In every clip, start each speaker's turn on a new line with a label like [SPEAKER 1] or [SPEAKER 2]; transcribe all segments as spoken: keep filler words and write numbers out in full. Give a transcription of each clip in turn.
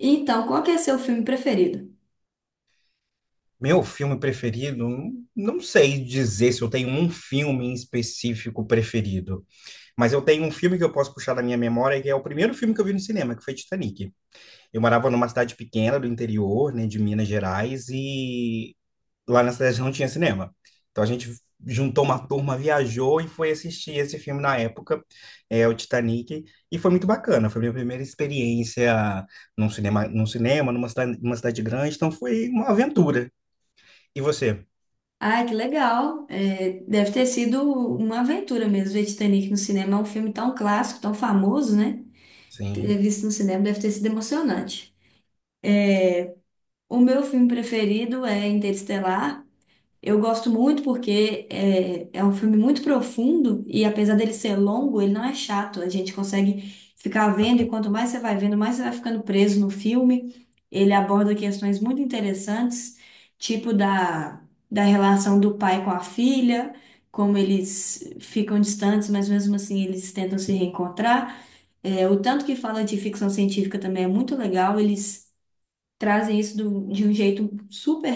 [SPEAKER 1] Então, qual que é seu filme preferido?
[SPEAKER 2] Meu filme preferido, não sei dizer se eu tenho um filme em específico preferido, mas eu tenho um filme que eu posso puxar da minha memória, que é o primeiro filme que eu vi no cinema, que foi Titanic. Eu morava numa cidade pequena do interior, né, de Minas Gerais, e lá na cidade não tinha cinema. Então a gente juntou uma turma, viajou e foi assistir esse filme na época, é o Titanic, e foi muito bacana. Foi minha primeira experiência num cinema, num cinema, numa cidade, numa cidade grande, então foi uma aventura. E você?
[SPEAKER 1] Ah, que legal. É, deve ter sido uma aventura mesmo ver Titanic no cinema. É um filme tão clássico, tão famoso, né? Ter
[SPEAKER 2] Sim,
[SPEAKER 1] visto no cinema deve ter sido emocionante. O meu filme preferido é Interestelar. Eu gosto muito porque é, é um filme muito profundo e apesar dele ser longo, ele não é chato. A gente consegue ficar vendo e
[SPEAKER 2] bacana.
[SPEAKER 1] quanto mais você vai vendo, mais você vai ficando preso no filme. Ele aborda questões muito interessantes, tipo da, da relação do pai com a filha, como eles ficam distantes, mas mesmo assim eles tentam se reencontrar. É, o tanto que fala de ficção científica também é muito legal. Eles trazem isso do- de um jeito super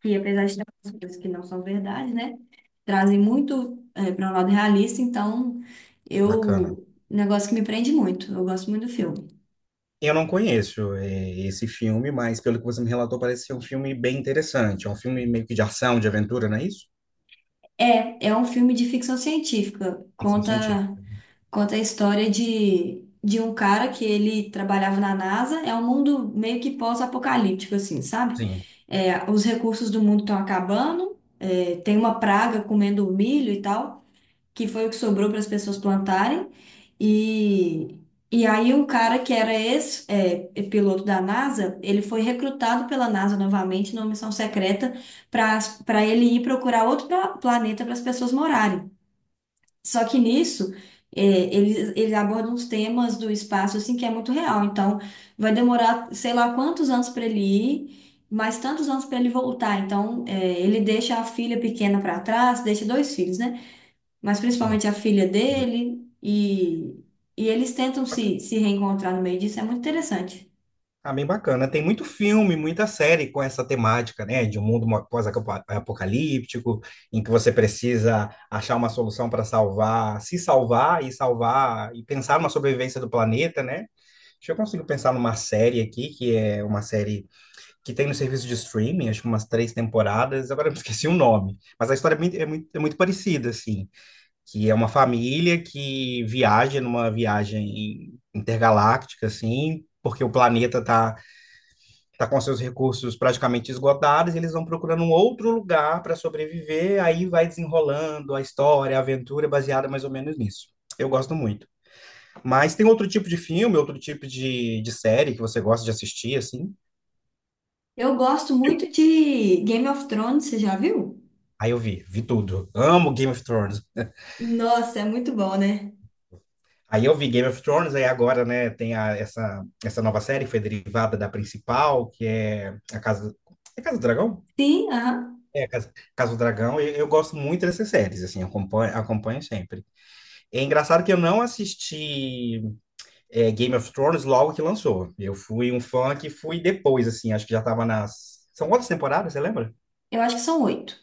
[SPEAKER 1] que apesar de ter algumas coisas que não são verdade, né? Trazem muito para um lado realista, então
[SPEAKER 2] Bacana.
[SPEAKER 1] eu. Um negócio que me prende muito, eu gosto muito do filme.
[SPEAKER 2] Eu não conheço eh, esse filme, mas pelo que você me relatou, parece ser um filme bem interessante. É um filme meio que de ação, de aventura, não é isso?
[SPEAKER 1] É, é um filme de ficção científica,
[SPEAKER 2] Ficção
[SPEAKER 1] conta,
[SPEAKER 2] científica.
[SPEAKER 1] conta a história de, de um cara que ele trabalhava na NASA, é um mundo meio que pós-apocalíptico, assim, sabe?
[SPEAKER 2] Sim,
[SPEAKER 1] É, os recursos do mundo estão acabando, é, tem uma praga comendo o milho e tal, que foi o que sobrou para as pessoas plantarem. E e aí um cara que era ex, é, é piloto da NASA, ele foi recrutado pela NASA novamente numa missão secreta para para ele ir procurar outro pla- planeta para as pessoas morarem. Só que nisso é, eles, eles abordam os temas do espaço assim que é muito real. Então vai demorar sei lá quantos anos para ele ir. Mas tantos anos para ele voltar, então é, ele deixa a filha pequena para trás, deixa dois filhos, né? Mas
[SPEAKER 2] sim.
[SPEAKER 1] principalmente a filha dele, e, e eles tentam
[SPEAKER 2] Bacana.
[SPEAKER 1] se, se reencontrar no meio disso, é muito interessante.
[SPEAKER 2] Ah, bem bacana. Tem muito filme, muita série com essa temática, né? De um mundo mo- pós-apocalíptico, em que você precisa achar uma solução para salvar, se salvar e salvar, e pensar numa sobrevivência do planeta, né? Deixa eu consigo pensar numa série aqui, que é uma série que tem no serviço de streaming, acho que umas três temporadas, agora eu esqueci o nome, mas a história é muito, é muito, é muito parecida, assim, que é uma família que viaja numa viagem intergaláctica, assim, porque o planeta tá, tá com seus recursos praticamente esgotados, e eles vão procurando um outro lugar para sobreviver, aí vai desenrolando a história, a aventura, baseada mais ou menos nisso. Eu gosto muito. Mas tem outro tipo de filme, outro tipo de, de série que você gosta de assistir, assim?
[SPEAKER 1] Eu gosto muito de Game of Thrones, você já viu?
[SPEAKER 2] Aí eu vi, vi tudo. Amo Game of Thrones.
[SPEAKER 1] Nossa, é muito bom, né?
[SPEAKER 2] Aí eu vi Game of Thrones, aí agora, né, tem a- essa, essa nova série que foi derivada da principal, que é a Casa, é Casa do Dragão?
[SPEAKER 1] Sim, aham.
[SPEAKER 2] É, Casa, Casa do Dragão, e eu gosto muito dessas séries, assim, eu acompanho, acompanho sempre. É engraçado que eu não assisti é, Game of Thrones logo que lançou. Eu fui um fã que fui depois, assim, acho que já tava nas... São quantas temporadas, você lembra?
[SPEAKER 1] Eu acho que são oito.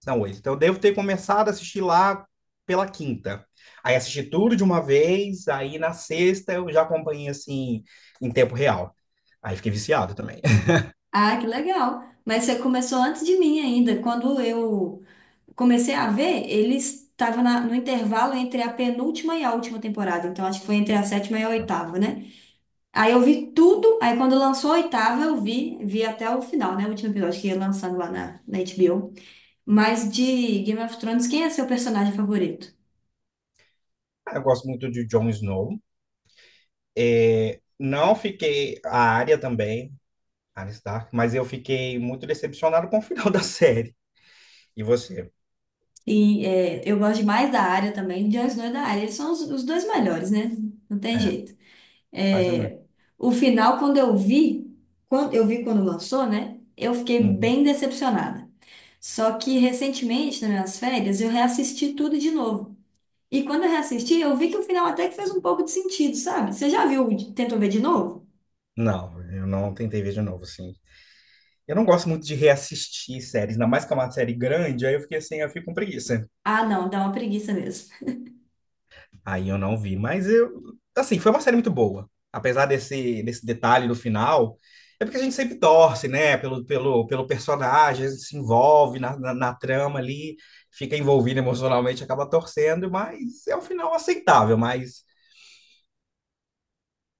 [SPEAKER 2] São oito. Então, eu devo ter começado a assistir lá pela quinta. Aí assisti tudo de uma vez, aí na sexta eu já acompanhei assim em tempo real. Aí fiquei viciado também.
[SPEAKER 1] Ah, que legal. Mas você começou antes de mim ainda. Quando eu comecei a ver, eles estavam no intervalo entre a penúltima e a última temporada. Então, acho que foi entre a sétima e a oitava, né? Aí eu vi tudo, aí quando lançou a oitava eu vi, vi até o final, né? O último episódio que ia lançando lá na, na H B O. Mas de Game of Thrones, quem é seu personagem favorito?
[SPEAKER 2] Eu gosto muito de Jon Snow. É, não fiquei a área também, Arya Stark, mas eu fiquei muito decepcionado com o final da série. E você?
[SPEAKER 1] E é, eu gosto demais da área também, de Jon Snow e da área. Eles são os, os dois melhores, né? Não tem
[SPEAKER 2] É,
[SPEAKER 1] jeito.
[SPEAKER 2] quase não.
[SPEAKER 1] É, o final, quando eu vi, quando eu vi quando lançou, né? Eu fiquei
[SPEAKER 2] Uhum.
[SPEAKER 1] bem decepcionada. Só que recentemente, nas minhas férias, eu reassisti tudo de novo. E quando eu reassisti, eu vi que o final até que fez um pouco de sentido, sabe? Você já viu, tentou ver de novo?
[SPEAKER 2] Não, eu não tentei ver de novo, assim. Eu não gosto muito de reassistir séries, ainda mais que é uma série grande, aí eu fiquei assim, eu fico com preguiça.
[SPEAKER 1] Ah, não, dá uma preguiça mesmo.
[SPEAKER 2] Aí eu não vi, mas eu, assim, foi uma série muito boa. Apesar desse, desse detalhe do final, é porque a gente sempre torce, né, pelo, pelo, pelo personagem, a gente se envolve na, na, na trama ali, fica envolvido emocionalmente, acaba torcendo, mas é um final aceitável, mas,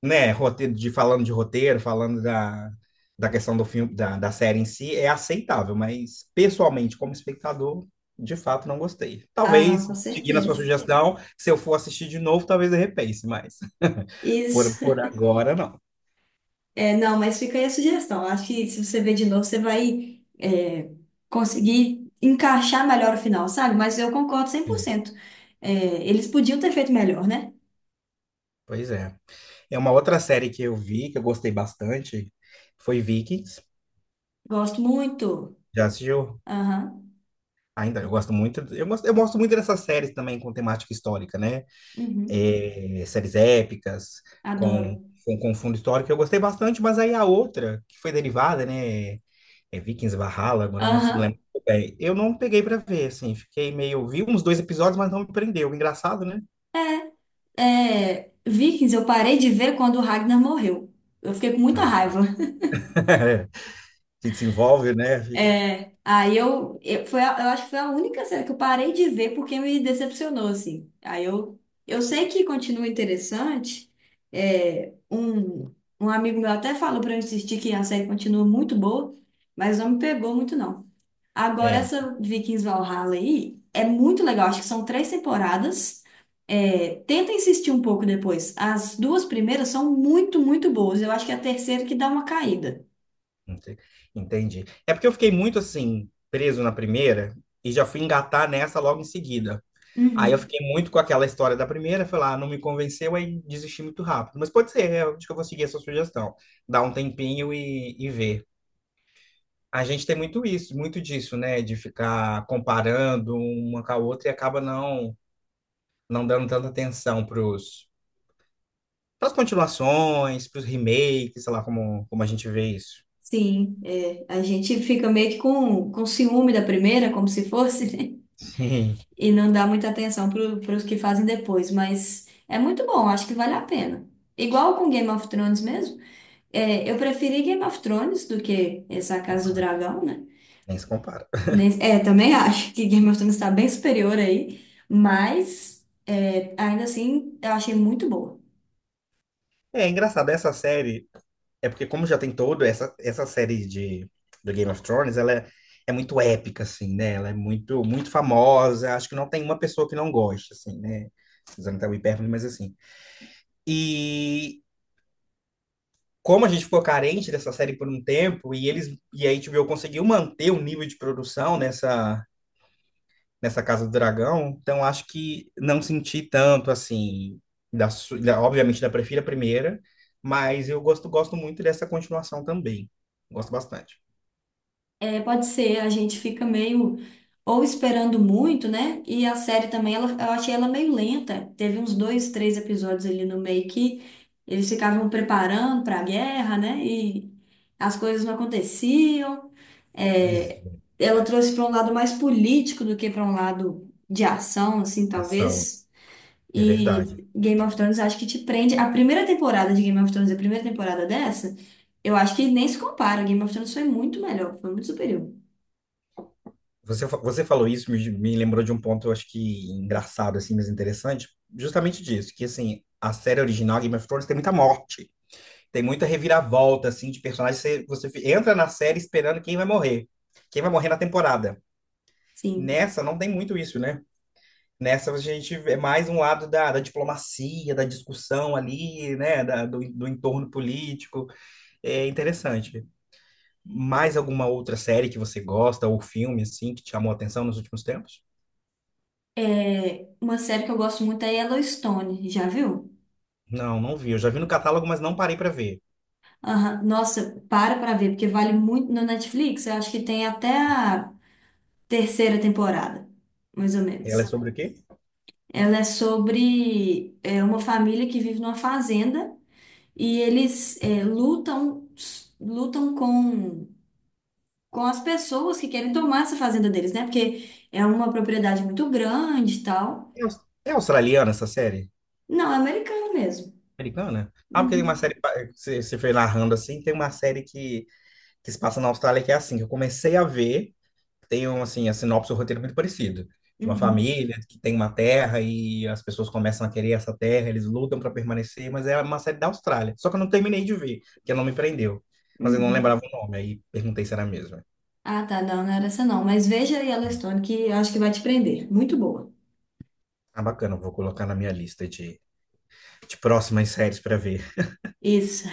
[SPEAKER 2] né, roteiro, de, falando de roteiro, falando da, da questão do filme, da, da série em si, é aceitável, mas pessoalmente, como espectador, de fato não gostei.
[SPEAKER 1] Ah, não,
[SPEAKER 2] Talvez,
[SPEAKER 1] com
[SPEAKER 2] seguindo a sua
[SPEAKER 1] certeza.
[SPEAKER 2] sugestão, se eu for assistir de novo, talvez eu repense, mas... Por,
[SPEAKER 1] Isso.
[SPEAKER 2] por agora, não.
[SPEAKER 1] É, não, mas fica aí a sugestão. Eu acho que se você ver de novo, você vai, é, conseguir encaixar melhor o final, sabe? Mas eu concordo
[SPEAKER 2] Sim,
[SPEAKER 1] cem por cento. É, eles podiam ter feito melhor, né?
[SPEAKER 2] pois é. É uma outra série que eu vi, que eu gostei bastante, foi Vikings.
[SPEAKER 1] Gosto muito.
[SPEAKER 2] Já assistiu?
[SPEAKER 1] Aham.
[SPEAKER 2] Ainda, eu gosto muito. Eu gosto, eu gosto muito dessas séries também com temática histórica, né?
[SPEAKER 1] Uhum.
[SPEAKER 2] É, séries épicas,
[SPEAKER 1] Adoro.
[SPEAKER 2] com, com, com fundo histórico. Eu gostei bastante, mas aí a outra, que foi derivada, né? É Vikings Valhalla, agora eu não se
[SPEAKER 1] Aham.
[SPEAKER 2] lembro muito bem. Eu não peguei pra ver, assim. Fiquei meio. Vi uns dois episódios, mas não me prendeu. Engraçado, né?
[SPEAKER 1] É, Vikings, eu parei de ver quando o Ragnar morreu. Eu fiquei com muita
[SPEAKER 2] Ah,
[SPEAKER 1] raiva.
[SPEAKER 2] que desenvolve, né? Fica...
[SPEAKER 1] É, aí eu, eu, foi a- eu acho que foi a única série que eu parei de ver porque me decepcionou, assim. Aí eu, eu sei que continua interessante. É, um, um amigo meu até falou pra eu insistir que a série continua muito boa, mas não me pegou muito, não. Agora,
[SPEAKER 2] É,
[SPEAKER 1] essa Vikings Valhalla aí é muito legal. Acho que são três temporadas. É, tenta insistir um pouco depois. As duas primeiras são muito, muito boas. Eu acho que é a terceira que dá uma caída.
[SPEAKER 2] Ente- Entendi. É porque eu fiquei muito assim, preso na primeira e já fui engatar nessa logo em seguida. Aí eu
[SPEAKER 1] Uhum.
[SPEAKER 2] fiquei muito com aquela história da primeira, foi lá, não me convenceu, aí desisti muito rápido. Mas pode ser, eu acho que eu vou seguir essa sugestão. Dar um tempinho e, e ver. A gente tem muito isso, muito disso, né? De ficar comparando uma com a outra e acaba não, não dando tanta atenção pros, pras continuações, pros remakes, sei lá como, como a gente vê isso.
[SPEAKER 1] Sim, é, a gente fica meio que com, com ciúme da primeira, como se fosse, né?
[SPEAKER 2] Sim,
[SPEAKER 1] E não dá muita atenção para os que fazem depois, mas é muito bom, acho que vale a pena. Igual com Game of Thrones mesmo, é, eu preferi Game of Thrones do que essa Casa do Dragão, né?
[SPEAKER 2] nem se compara.
[SPEAKER 1] Nem- É, também acho que Game of Thrones está bem superior aí, mas é, ainda assim eu achei muito boa.
[SPEAKER 2] É engraçado, essa série é porque como já tem todo essa essa série de do Game of Thrones, ela é, é muito épica assim, né? Ela é muito muito famosa, acho que não tem uma pessoa que não goste assim, né? Usando até o hipérbole, mas assim. E como a gente ficou carente dessa série por um tempo e eles e a H B O conseguiu manter o nível de produção nessa nessa Casa do Dragão, então acho que não senti tanto assim, da, su- da- obviamente da prefiro a primeira, mas eu gosto gosto muito dessa continuação também. Gosto bastante.
[SPEAKER 1] É, pode ser, a gente fica meio ou esperando muito, né? E a série também, ela, eu achei ela meio lenta. Teve uns dois, três episódios ali no meio que eles ficavam preparando para a guerra, né? E as coisas não aconteciam.
[SPEAKER 2] Pois
[SPEAKER 1] É,
[SPEAKER 2] é,
[SPEAKER 1] ela trouxe para um lado mais político do que para um lado de ação, assim,
[SPEAKER 2] ação.
[SPEAKER 1] talvez.
[SPEAKER 2] É verdade.
[SPEAKER 1] E Game of Thrones acho que te prende. A primeira temporada de Game of Thrones, a primeira temporada dessa, eu acho que nem se compara. Game of Thrones foi muito melhor, foi muito superior.
[SPEAKER 2] Você, fa- você falou isso, me, me lembrou de um ponto, eu acho que engraçado, assim, mas interessante, justamente disso, que, assim, a série original, Game of Thrones, tem muita morte, tem muita reviravolta, assim, de personagens, você, você fi- entra na série esperando quem vai morrer, quem vai morrer na temporada.
[SPEAKER 1] Sim.
[SPEAKER 2] Nessa, não tem muito isso, né? Nessa, a gente vê mais um lado da, da diplomacia, da discussão ali, né, da- do, do entorno político, é interessante. Mais alguma outra série que você gosta, ou filme, assim, que te chamou a atenção nos últimos tempos?
[SPEAKER 1] É, uma série que eu gosto muito é Yellowstone, já viu?
[SPEAKER 2] Não, não vi. Eu já vi no catálogo, mas não parei pra ver.
[SPEAKER 1] Aham. Nossa, para pra ver, porque vale muito no Netflix. Eu acho que tem até a terceira temporada, mais ou
[SPEAKER 2] Ela é
[SPEAKER 1] menos.
[SPEAKER 2] sobre o quê?
[SPEAKER 1] Ela é sobre é, uma família que vive numa fazenda e eles é, lutam, lutam com, com as pessoas que querem tomar essa fazenda deles, né? Porque é uma propriedade muito grande e tal.
[SPEAKER 2] É, aus- é australiana essa série?
[SPEAKER 1] Não, é americano mesmo.
[SPEAKER 2] Americana? Ah, porque tem uma
[SPEAKER 1] Uhum,
[SPEAKER 2] série, pa- eh, você você foi narrando assim, tem uma série que, que se passa na Austrália que é assim, que eu comecei a ver, tem um, assim, a sinopse, o roteiro é muito parecido. De uma
[SPEAKER 1] uhum,
[SPEAKER 2] família que tem uma terra e as pessoas começam a querer essa terra, eles lutam para permanecer, mas é uma série da Austrália. Só que eu não terminei de ver, porque não me prendeu. Mas eu não
[SPEAKER 1] uhum.
[SPEAKER 2] lembrava o nome, aí perguntei se era a mesma.
[SPEAKER 1] Ah, tá, não, não era essa não. Mas veja aí ela Stone, que eu acho que vai te prender. Muito boa.
[SPEAKER 2] Ah, bacana, vou colocar na minha lista de, de próximas séries para ver.
[SPEAKER 1] Isso.